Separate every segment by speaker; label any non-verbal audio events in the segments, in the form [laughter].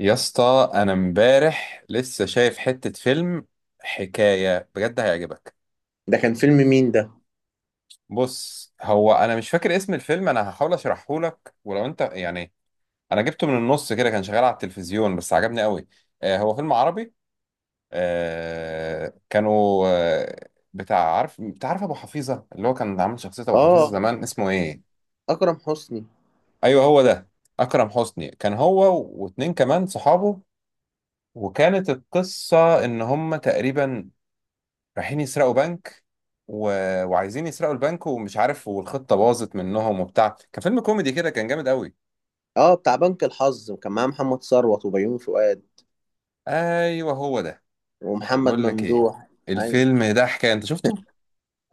Speaker 1: يا اسطى انا امبارح لسه شايف حتة فيلم، حكاية بجد هيعجبك.
Speaker 2: ده كان فيلم مين ده؟
Speaker 1: بص، هو انا مش فاكر اسم الفيلم، انا هحاول اشرحه لك ولو انت انا جبته من النص كده، كان شغال على التلفزيون بس عجبني قوي. آه، هو فيلم عربي. آه، كانوا بتاع عارف ابو حفيظة، اللي هو كان عامل شخصية ابو حفيظة
Speaker 2: اه.
Speaker 1: زمان، اسمه ايه؟
Speaker 2: اكرم حسني.
Speaker 1: ايوه هو ده. اكرم حسني، كان هو واتنين كمان صحابه، وكانت القصة ان هم تقريبا رايحين يسرقوا بنك و... وعايزين يسرقوا البنك ومش عارف، والخطة باظت منهم وبتاع، كان فيلم كوميدي كده، كان جامد قوي.
Speaker 2: اه، بتاع بنك الحظ وكان معاه محمد ثروت وبيومي فؤاد
Speaker 1: ايوه هو ده.
Speaker 2: ومحمد
Speaker 1: بقول لك ايه،
Speaker 2: ممدوح. ايوه.
Speaker 1: الفيلم ده حكاية، انت شفته؟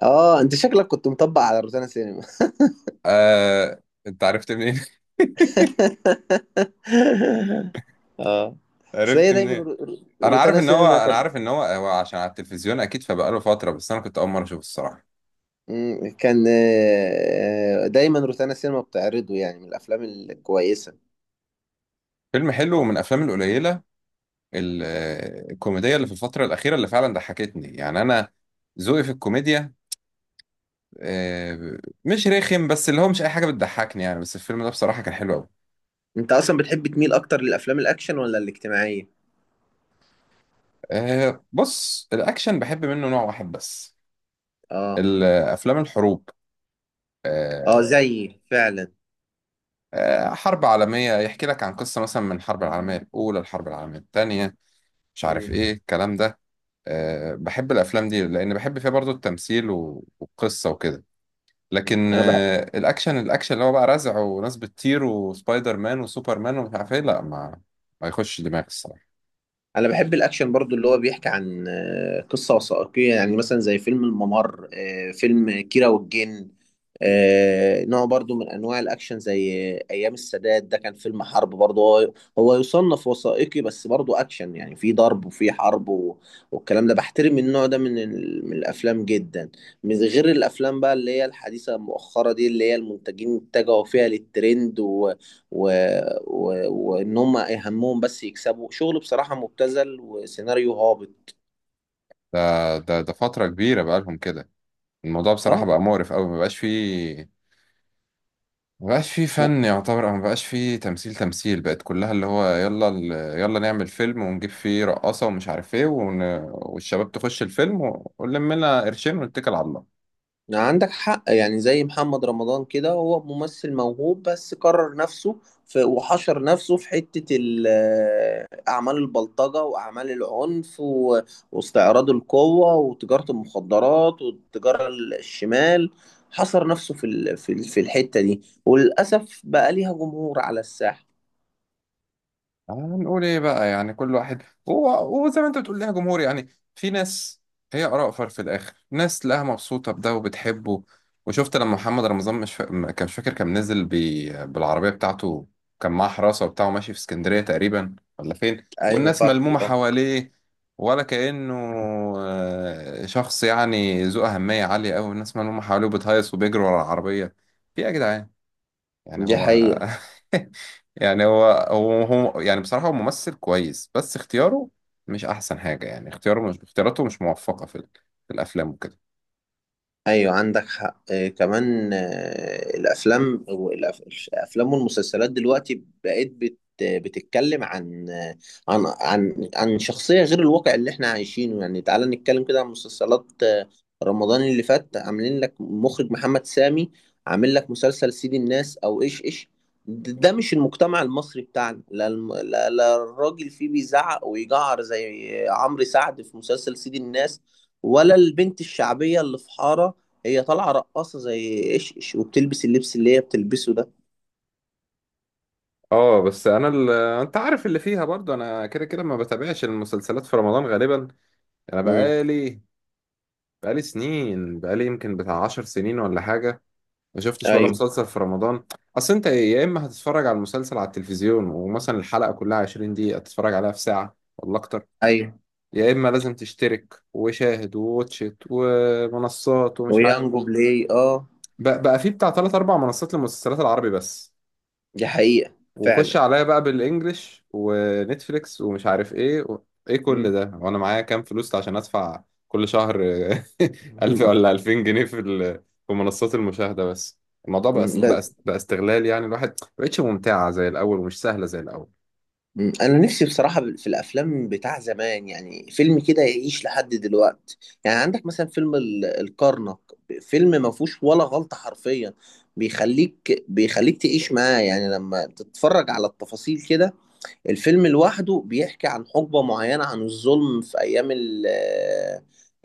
Speaker 2: اه، انت شكلك كنت مطبق على روتانا سينما. [laughs]
Speaker 1: انت عرفت منين؟ [laughs]
Speaker 2: اه. بس
Speaker 1: عرفت
Speaker 2: هي دايما
Speaker 1: منين؟ انا عارف
Speaker 2: روتانا
Speaker 1: ان هو
Speaker 2: سينما
Speaker 1: انا
Speaker 2: كان.
Speaker 1: عارف ان هو هو عشان على التلفزيون اكيد، فبقاله فترة بس انا كنت اول مرة اشوفه الصراحة.
Speaker 2: كان دايما روتانا سينما بتعرضه يعني من الافلام الكويسه.
Speaker 1: فيلم حلو ومن الافلام القليلة ال- الكوميدية اللي في الفترة الأخيرة اللي فعلا ضحكتني، يعني انا ذوقي في الكوميديا، آه، مش رخم، بس اللي هو مش اي حاجه بتضحكني يعني، بس الفيلم ده بصراحه كان حلو قوي.
Speaker 2: انت اصلا بتحب تميل اكتر للافلام الاكشن ولا الاجتماعيه؟
Speaker 1: بص، الاكشن بحب منه نوع واحد بس،
Speaker 2: اه.
Speaker 1: الافلام الحروب.
Speaker 2: اه،
Speaker 1: آه،
Speaker 2: زيي فعلا.
Speaker 1: حرب عالميه، يحكي لك عن قصه مثلا من الحرب العالميه الاولى، الحرب العالميه الثانيه، مش عارف
Speaker 2: مم،
Speaker 1: ايه الكلام ده. بحب الافلام دي لان بحب فيها برضو التمثيل والقصه وكده،
Speaker 2: مم.
Speaker 1: لكن
Speaker 2: انا بحب
Speaker 1: الاكشن، الاكشن اللي هو بقى رزع وناس بتطير وسبايدر مان وسوبر مان ومش عارف ايه، لا، ما ما يخش دماغي الصراحه.
Speaker 2: انا بحب الاكشن برضو اللي هو بيحكي عن قصة وثائقية، يعني مثلا زي فيلم الممر، فيلم كيرة والجن. نوع برضو من انواع الاكشن، زي ايام السادات. ده كان فيلم حرب برضو، هو يصنف وثائقي بس برضو اكشن، يعني في ضرب وفي حرب والكلام ده. بحترم النوع ده من الافلام جدا، من غير الافلام بقى اللي هي الحديثة المؤخرة دي، اللي هي المنتجين اتجهوا فيها للترند، و... وان هم اهمهم بس يكسبوا شغل بصراحه مبتذل وسيناريو هابط.
Speaker 1: ده فترة كبيرة بقالهم كده. الموضوع بصراحة
Speaker 2: اه.
Speaker 1: بقى مقرف أوي، مبقاش فيه مبقاش فيه
Speaker 2: لا.
Speaker 1: فن يعتبر، أو مبقاش فيه تمثيل. تمثيل بقت كلها اللي هو يلا يلا نعمل فيلم ونجيب فيه رقاصة ومش عارف ايه والشباب تخش الفيلم ونلم لنا قرشين ونتكل على الله.
Speaker 2: لا، عندك حق، يعني زي محمد رمضان كده، هو ممثل موهوب بس كرر نفسه، في وحشر نفسه أعمال البلطجة وأعمال العنف واستعراض القوة وتجارة المخدرات والتجارة الشمال. حصر نفسه في الحتة دي، وللأسف بقى ليها جمهور على الساحة.
Speaker 1: هنقول ايه بقى؟ يعني كل واحد، هو زي ما انت بتقول لها جمهور يعني، في ناس، هي اراء في الاخر ناس تلاقيها مبسوطه بده وبتحبه. وشفت لما محمد رمضان مش فا... م- كان مش فاكر كان نزل بالعربيه بتاعته، كان معاه حراسه وبتاعه ماشي في اسكندريه تقريبا ولا فين،
Speaker 2: أيوة،
Speaker 1: والناس
Speaker 2: فاكره،
Speaker 1: ملمومه
Speaker 2: آه.
Speaker 1: حواليه ولا كانه شخص يعني ذو اهميه عاليه قوي، الناس ملمومه حواليه وبتهيص وبيجروا ورا العربيه. في ايه يا جدعان يعني
Speaker 2: دي
Speaker 1: هو؟
Speaker 2: حقيقة.
Speaker 1: [laughs] يعني هو هو يعني بصراحة هو ممثل كويس، بس اختياره مش أحسن حاجة يعني، اختياره مش اختياراته مش موفقة في في الأفلام وكده.
Speaker 2: ايوه، عندك حق، كمان، الافلام الافلام والمسلسلات دلوقتي بقت بتتكلم عن عن شخصيه غير الواقع اللي احنا عايشينه، يعني تعالى نتكلم كده عن مسلسلات رمضان اللي فات، عاملين لك مخرج محمد سامي عامل لك مسلسل سيد الناس او ايش ايش. ده مش المجتمع المصري بتاعنا، لا لا لا الراجل فيه بيزعق ويجعر زي عمرو سعد في مسلسل سيد الناس، ولا البنت الشعبيه اللي في حاره هي طالعه رقاصه زي ايش إيش وبتلبس اللبس اللي هي بتلبسه ده.
Speaker 1: اه، بس انا انت عارف اللي فيها برضه، انا كده كده ما بتابعش المسلسلات في رمضان غالبا. انا
Speaker 2: امم.
Speaker 1: بقالي بقالي سنين، بقالي يمكن بتاع عشر سنين ولا حاجه ما شفتش ولا
Speaker 2: ايوه،
Speaker 1: مسلسل في رمضان. اصل انت يا اما هتتفرج على المسلسل على التلفزيون ومثلا الحلقه كلها 20 دقيقه تتفرج عليها في ساعه ولا اكتر،
Speaker 2: ايوه.
Speaker 1: يا اما لازم تشترك وشاهد وواتشت ومنصات ومش عارف،
Speaker 2: ويانجو بلاي، اه.
Speaker 1: بقى, بقى في بتاع ثلاث اربع منصات للمسلسلات العربي بس،
Speaker 2: دي حقيقة.
Speaker 1: وخش
Speaker 2: فعلا.
Speaker 1: عليا بقى بالانجلش ونتفليكس ومش عارف ايه ايه كل
Speaker 2: امم.
Speaker 1: ده وانا معايا كام فلوس عشان ادفع كل شهر؟ [laughs] 1000
Speaker 2: أمم.
Speaker 1: ولا 2000 جنيه في في منصات المشاهدة بس. الموضوع
Speaker 2: [laughs]
Speaker 1: بقى
Speaker 2: لا.
Speaker 1: استغلال يعني، الواحد ما بقتش ممتعة زي الاول ومش سهلة زي الاول.
Speaker 2: انا نفسي بصراحة في الافلام بتاع زمان، يعني فيلم كده يعيش لحد دلوقتي. يعني عندك مثلا فيلم الكرنك. فيلم ما فيهوش ولا غلطة حرفيا، بيخليك تعيش معاه، يعني لما تتفرج على التفاصيل كده. الفيلم لوحده بيحكي عن حقبة معينة، عن الظلم في أيام ال-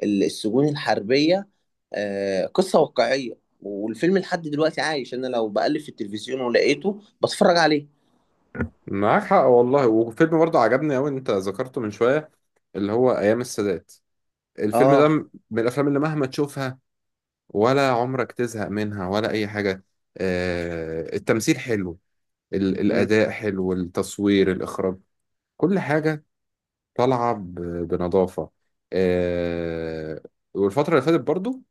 Speaker 2: ال- السجون الحربية. قصة واقعية، والفيلم لحد دلوقتي عايش. أنا لو بقلب في التلفزيون ولقيته بتفرج عليه.
Speaker 1: معاك حق والله، وفيلم برضه عجبني قوي انت ذكرته من شوية، اللي هو ايام السادات. الفيلم
Speaker 2: آه.
Speaker 1: ده من الافلام اللي مهما تشوفها ولا عمرك تزهق منها ولا اي حاجه. التمثيل حلو،
Speaker 2: مم.
Speaker 1: الاداء حلو، التصوير، الاخراج، كل حاجه طالعه بنظافه. آه، والفتره اللي فاتت برضو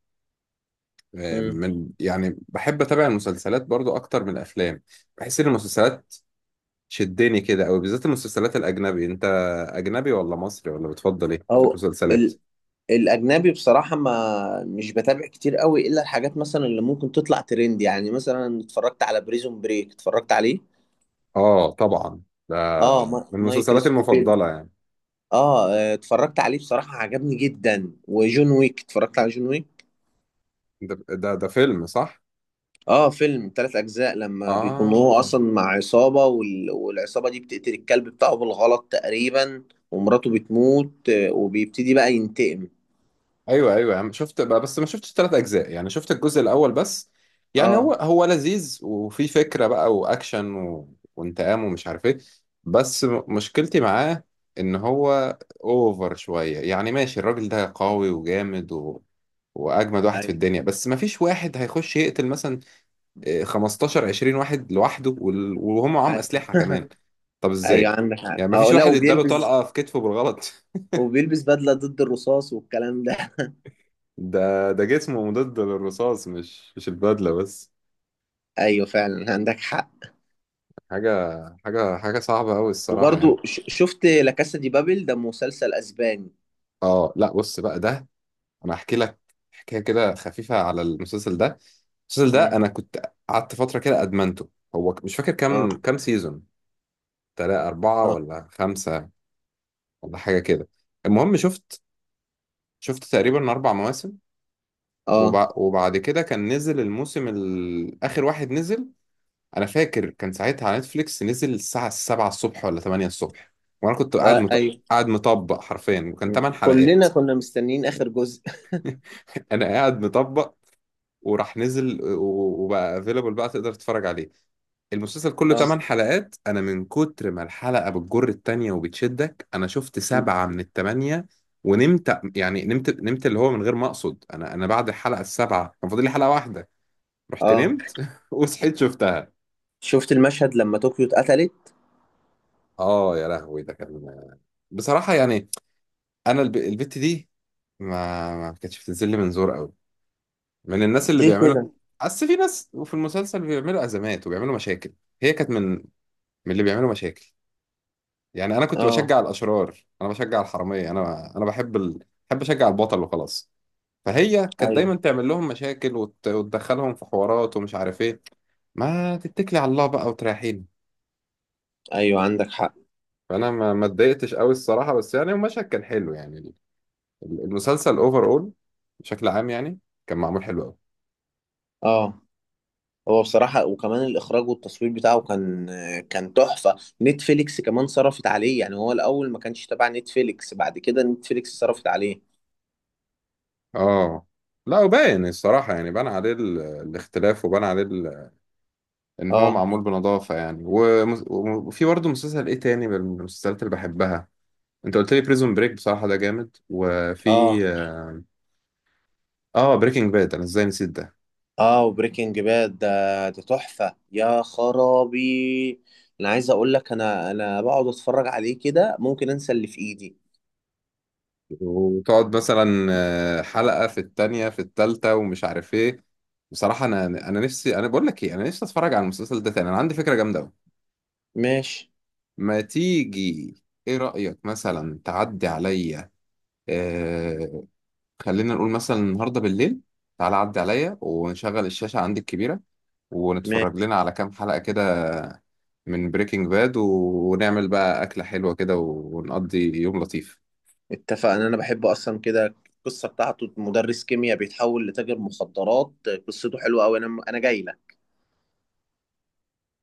Speaker 2: مم.
Speaker 1: من يعني بحب اتابع المسلسلات برضو اكتر من الافلام، بحس ان المسلسلات شدني كده، او بالذات المسلسلات الاجنبي. انت اجنبي ولا مصري ولا بتفضل ايه في
Speaker 2: أو
Speaker 1: المسلسلات؟
Speaker 2: ال الأجنبي بصراحة، ما مش بتابع كتير قوي إلا الحاجات مثلا اللي ممكن تطلع ترند، يعني مثلا اتفرجت على بريزون بريك، اتفرجت عليه.
Speaker 1: اه طبعا، ده
Speaker 2: آه.
Speaker 1: من
Speaker 2: مايكل
Speaker 1: مسلسلاتي
Speaker 2: سكوفيلد.
Speaker 1: المفضلة يعني.
Speaker 2: اه. اتفرجت عليه بصراحة، عجبني جدا، وجون ويك. اتفرجت على جون ويك.
Speaker 1: ده فيلم صح؟
Speaker 2: اه، فيلم ثلاث اجزاء، لما بيكون هو
Speaker 1: اه،
Speaker 2: اصلا مع عصابة والعصابة دي بتقتل الكلب بتاعه بالغلط تقريبا، ومراته بتموت، وبيبتدي بقى ينتقم.
Speaker 1: ايوه ايوه، يعني شفت بقى بس ما شفتش ثلاث اجزاء، يعني شفت الجزء الاول بس. يعني
Speaker 2: اه.
Speaker 1: هو لذيذ وفي فكرة بقى واكشن وانتقام ومش عارف ايه، بس مشكلتي معاه ان هو اوفر شوية، يعني ماشي الراجل ده قوي وجامد واجمد واحد في
Speaker 2: ايوه،
Speaker 1: الدنيا، بس ما فيش واحد هيخش يقتل مثلا 15 20 واحد لوحده وهم معاهم
Speaker 2: ايوه.
Speaker 1: اسلحه كمان. طب
Speaker 2: ايوه،
Speaker 1: ازاي؟
Speaker 2: عندك حق،
Speaker 1: يعني ما فيش
Speaker 2: اه، لا،
Speaker 1: واحد اداله طلقه في كتفه بالغلط؟
Speaker 2: وبيلبس بدلة ضد الرصاص والكلام ده.
Speaker 1: [laughs] ده جسمه مضاد للرصاص، مش البدله بس.
Speaker 2: [laughs] ايوه، فعلا، عندك حق.
Speaker 1: حاجه حاجه صعبه قوي الصراحه يعني.
Speaker 2: وبرضو شفت لا كاسا دي بابل، ده مسلسل اسباني.
Speaker 1: اه، لا بص بقى ده، انا احكي لك حكايه كده خفيفه على المسلسل ده. المسلسل ده
Speaker 2: امم.
Speaker 1: انا كنت قعدت فتره كده ادمنته، هو مش فاكر
Speaker 2: اه،
Speaker 1: كام سيزون، تلاتة أربعة
Speaker 2: اه،
Speaker 1: ولا خمسة ولا حاجة كده. المهم شفت، شفت تقريبا أربع مواسم،
Speaker 2: اه.
Speaker 1: وبعد كده كان نزل الموسم آخر واحد نزل، أنا فاكر كان ساعتها على نتفليكس نزل الساعة 7 الصبح ولا 8 الصبح، وأنا كنت قاعد
Speaker 2: آه، ايوه،
Speaker 1: مطبق حرفيا، وكان
Speaker 2: مم.
Speaker 1: 8 حلقات.
Speaker 2: كلنا كنا مستنيين آخر جزء.
Speaker 1: [laughs] أنا قاعد مطبق وراح نزل وبقى افيلبل بقى، تقدر تتفرج عليه. المسلسل كله
Speaker 2: اه،
Speaker 1: 8 حلقات، أنا من كتر ما الحلقة بتجر التانية وبتشدك أنا شفت
Speaker 2: مم.
Speaker 1: سبعة من التمانية ونمت، يعني نمت اللي هو من غير ما أقصد، أنا بعد الحلقة السابعة كان فاضل لي حلقة واحدة، رحت
Speaker 2: اه،
Speaker 1: نمت [laughs] وصحيت شفتها.
Speaker 2: شفت المشهد لما طوكيو اتقتلت.
Speaker 1: اه يا لهوي، ده كان بصراحة يعني، انا البت دي ما كانتش بتنزل لي من زور قوي، من الناس اللي
Speaker 2: ليه
Speaker 1: بيعملوا،
Speaker 2: كده؟
Speaker 1: اصل في ناس وفي المسلسل بيعملوا ازمات وبيعملوا مشاكل، هي كانت من، من اللي بيعملوا مشاكل. يعني انا كنت
Speaker 2: اه،
Speaker 1: بشجع الاشرار، انا بشجع الحرامية، انا بحب بحب اشجع البطل وخلاص. فهي كانت دايما
Speaker 2: ايوه،
Speaker 1: تعمل لهم مشاكل وتدخلهم في حوارات ومش عارف ايه، ما تتكلي على الله بقى وتريحيني.
Speaker 2: ايوه، عندك حق،
Speaker 1: فانا ما اتضايقتش قوي الصراحه، بس يعني المشهد كان حلو يعني. المسلسل اوفر اول بشكل عام يعني، كان معمول حلو قوي.
Speaker 2: اه. هو بصراحة، وكمان الإخراج والتصوير بتاعه كان تحفة. نتفليكس كمان صرفت عليه، يعني هو الأول ما كانش تبع نتفليكس، بعد كده نتفليكس صرفت عليه.
Speaker 1: اه لا، وباين الصراحه يعني، بان عليه الاختلاف، وبان عليه ان هو
Speaker 2: اه،
Speaker 1: معمول بنظافه يعني. وفي برضه مسلسل ايه تاني من المسلسلات اللي بحبها، انت قلت لي بريزون بريك، بصراحه ده جامد. وفي
Speaker 2: اه،
Speaker 1: اه، بريكنج باد، انا ازاي نسيت ده؟
Speaker 2: اه. وبريكنج باد ده تحفة يا خرابي. انا عايز اقول لك، انا بقعد اتفرج عليه كده ممكن انسى اللي في ايدي.
Speaker 1: وتقعد مثلا حلقة في التانية في التالتة ومش عارف ايه. بصراحة انا انا نفسي، انا بقول لك ايه، انا نفسي اتفرج على المسلسل ده تاني، انا عندي فكرة جامدة قوي.
Speaker 2: ماشي،
Speaker 1: ما تيجي، ايه رأيك مثلا تعدي عليا، آه، خلينا نقول مثلا النهاردة بالليل، تعالى عدي عليا ونشغل الشاشة عندي الكبيرة
Speaker 2: ماشي.
Speaker 1: ونتفرج لنا على كام حلقة كده من بريكنج باد، ونعمل بقى أكلة حلوة كده، ونقضي يوم لطيف.
Speaker 2: اتفقنا، انا بحب اصلا كده القصه بتاعته، مدرس كيمياء بيتحول لتاجر مخدرات. قصته حلوه قوي، انا جاي لك.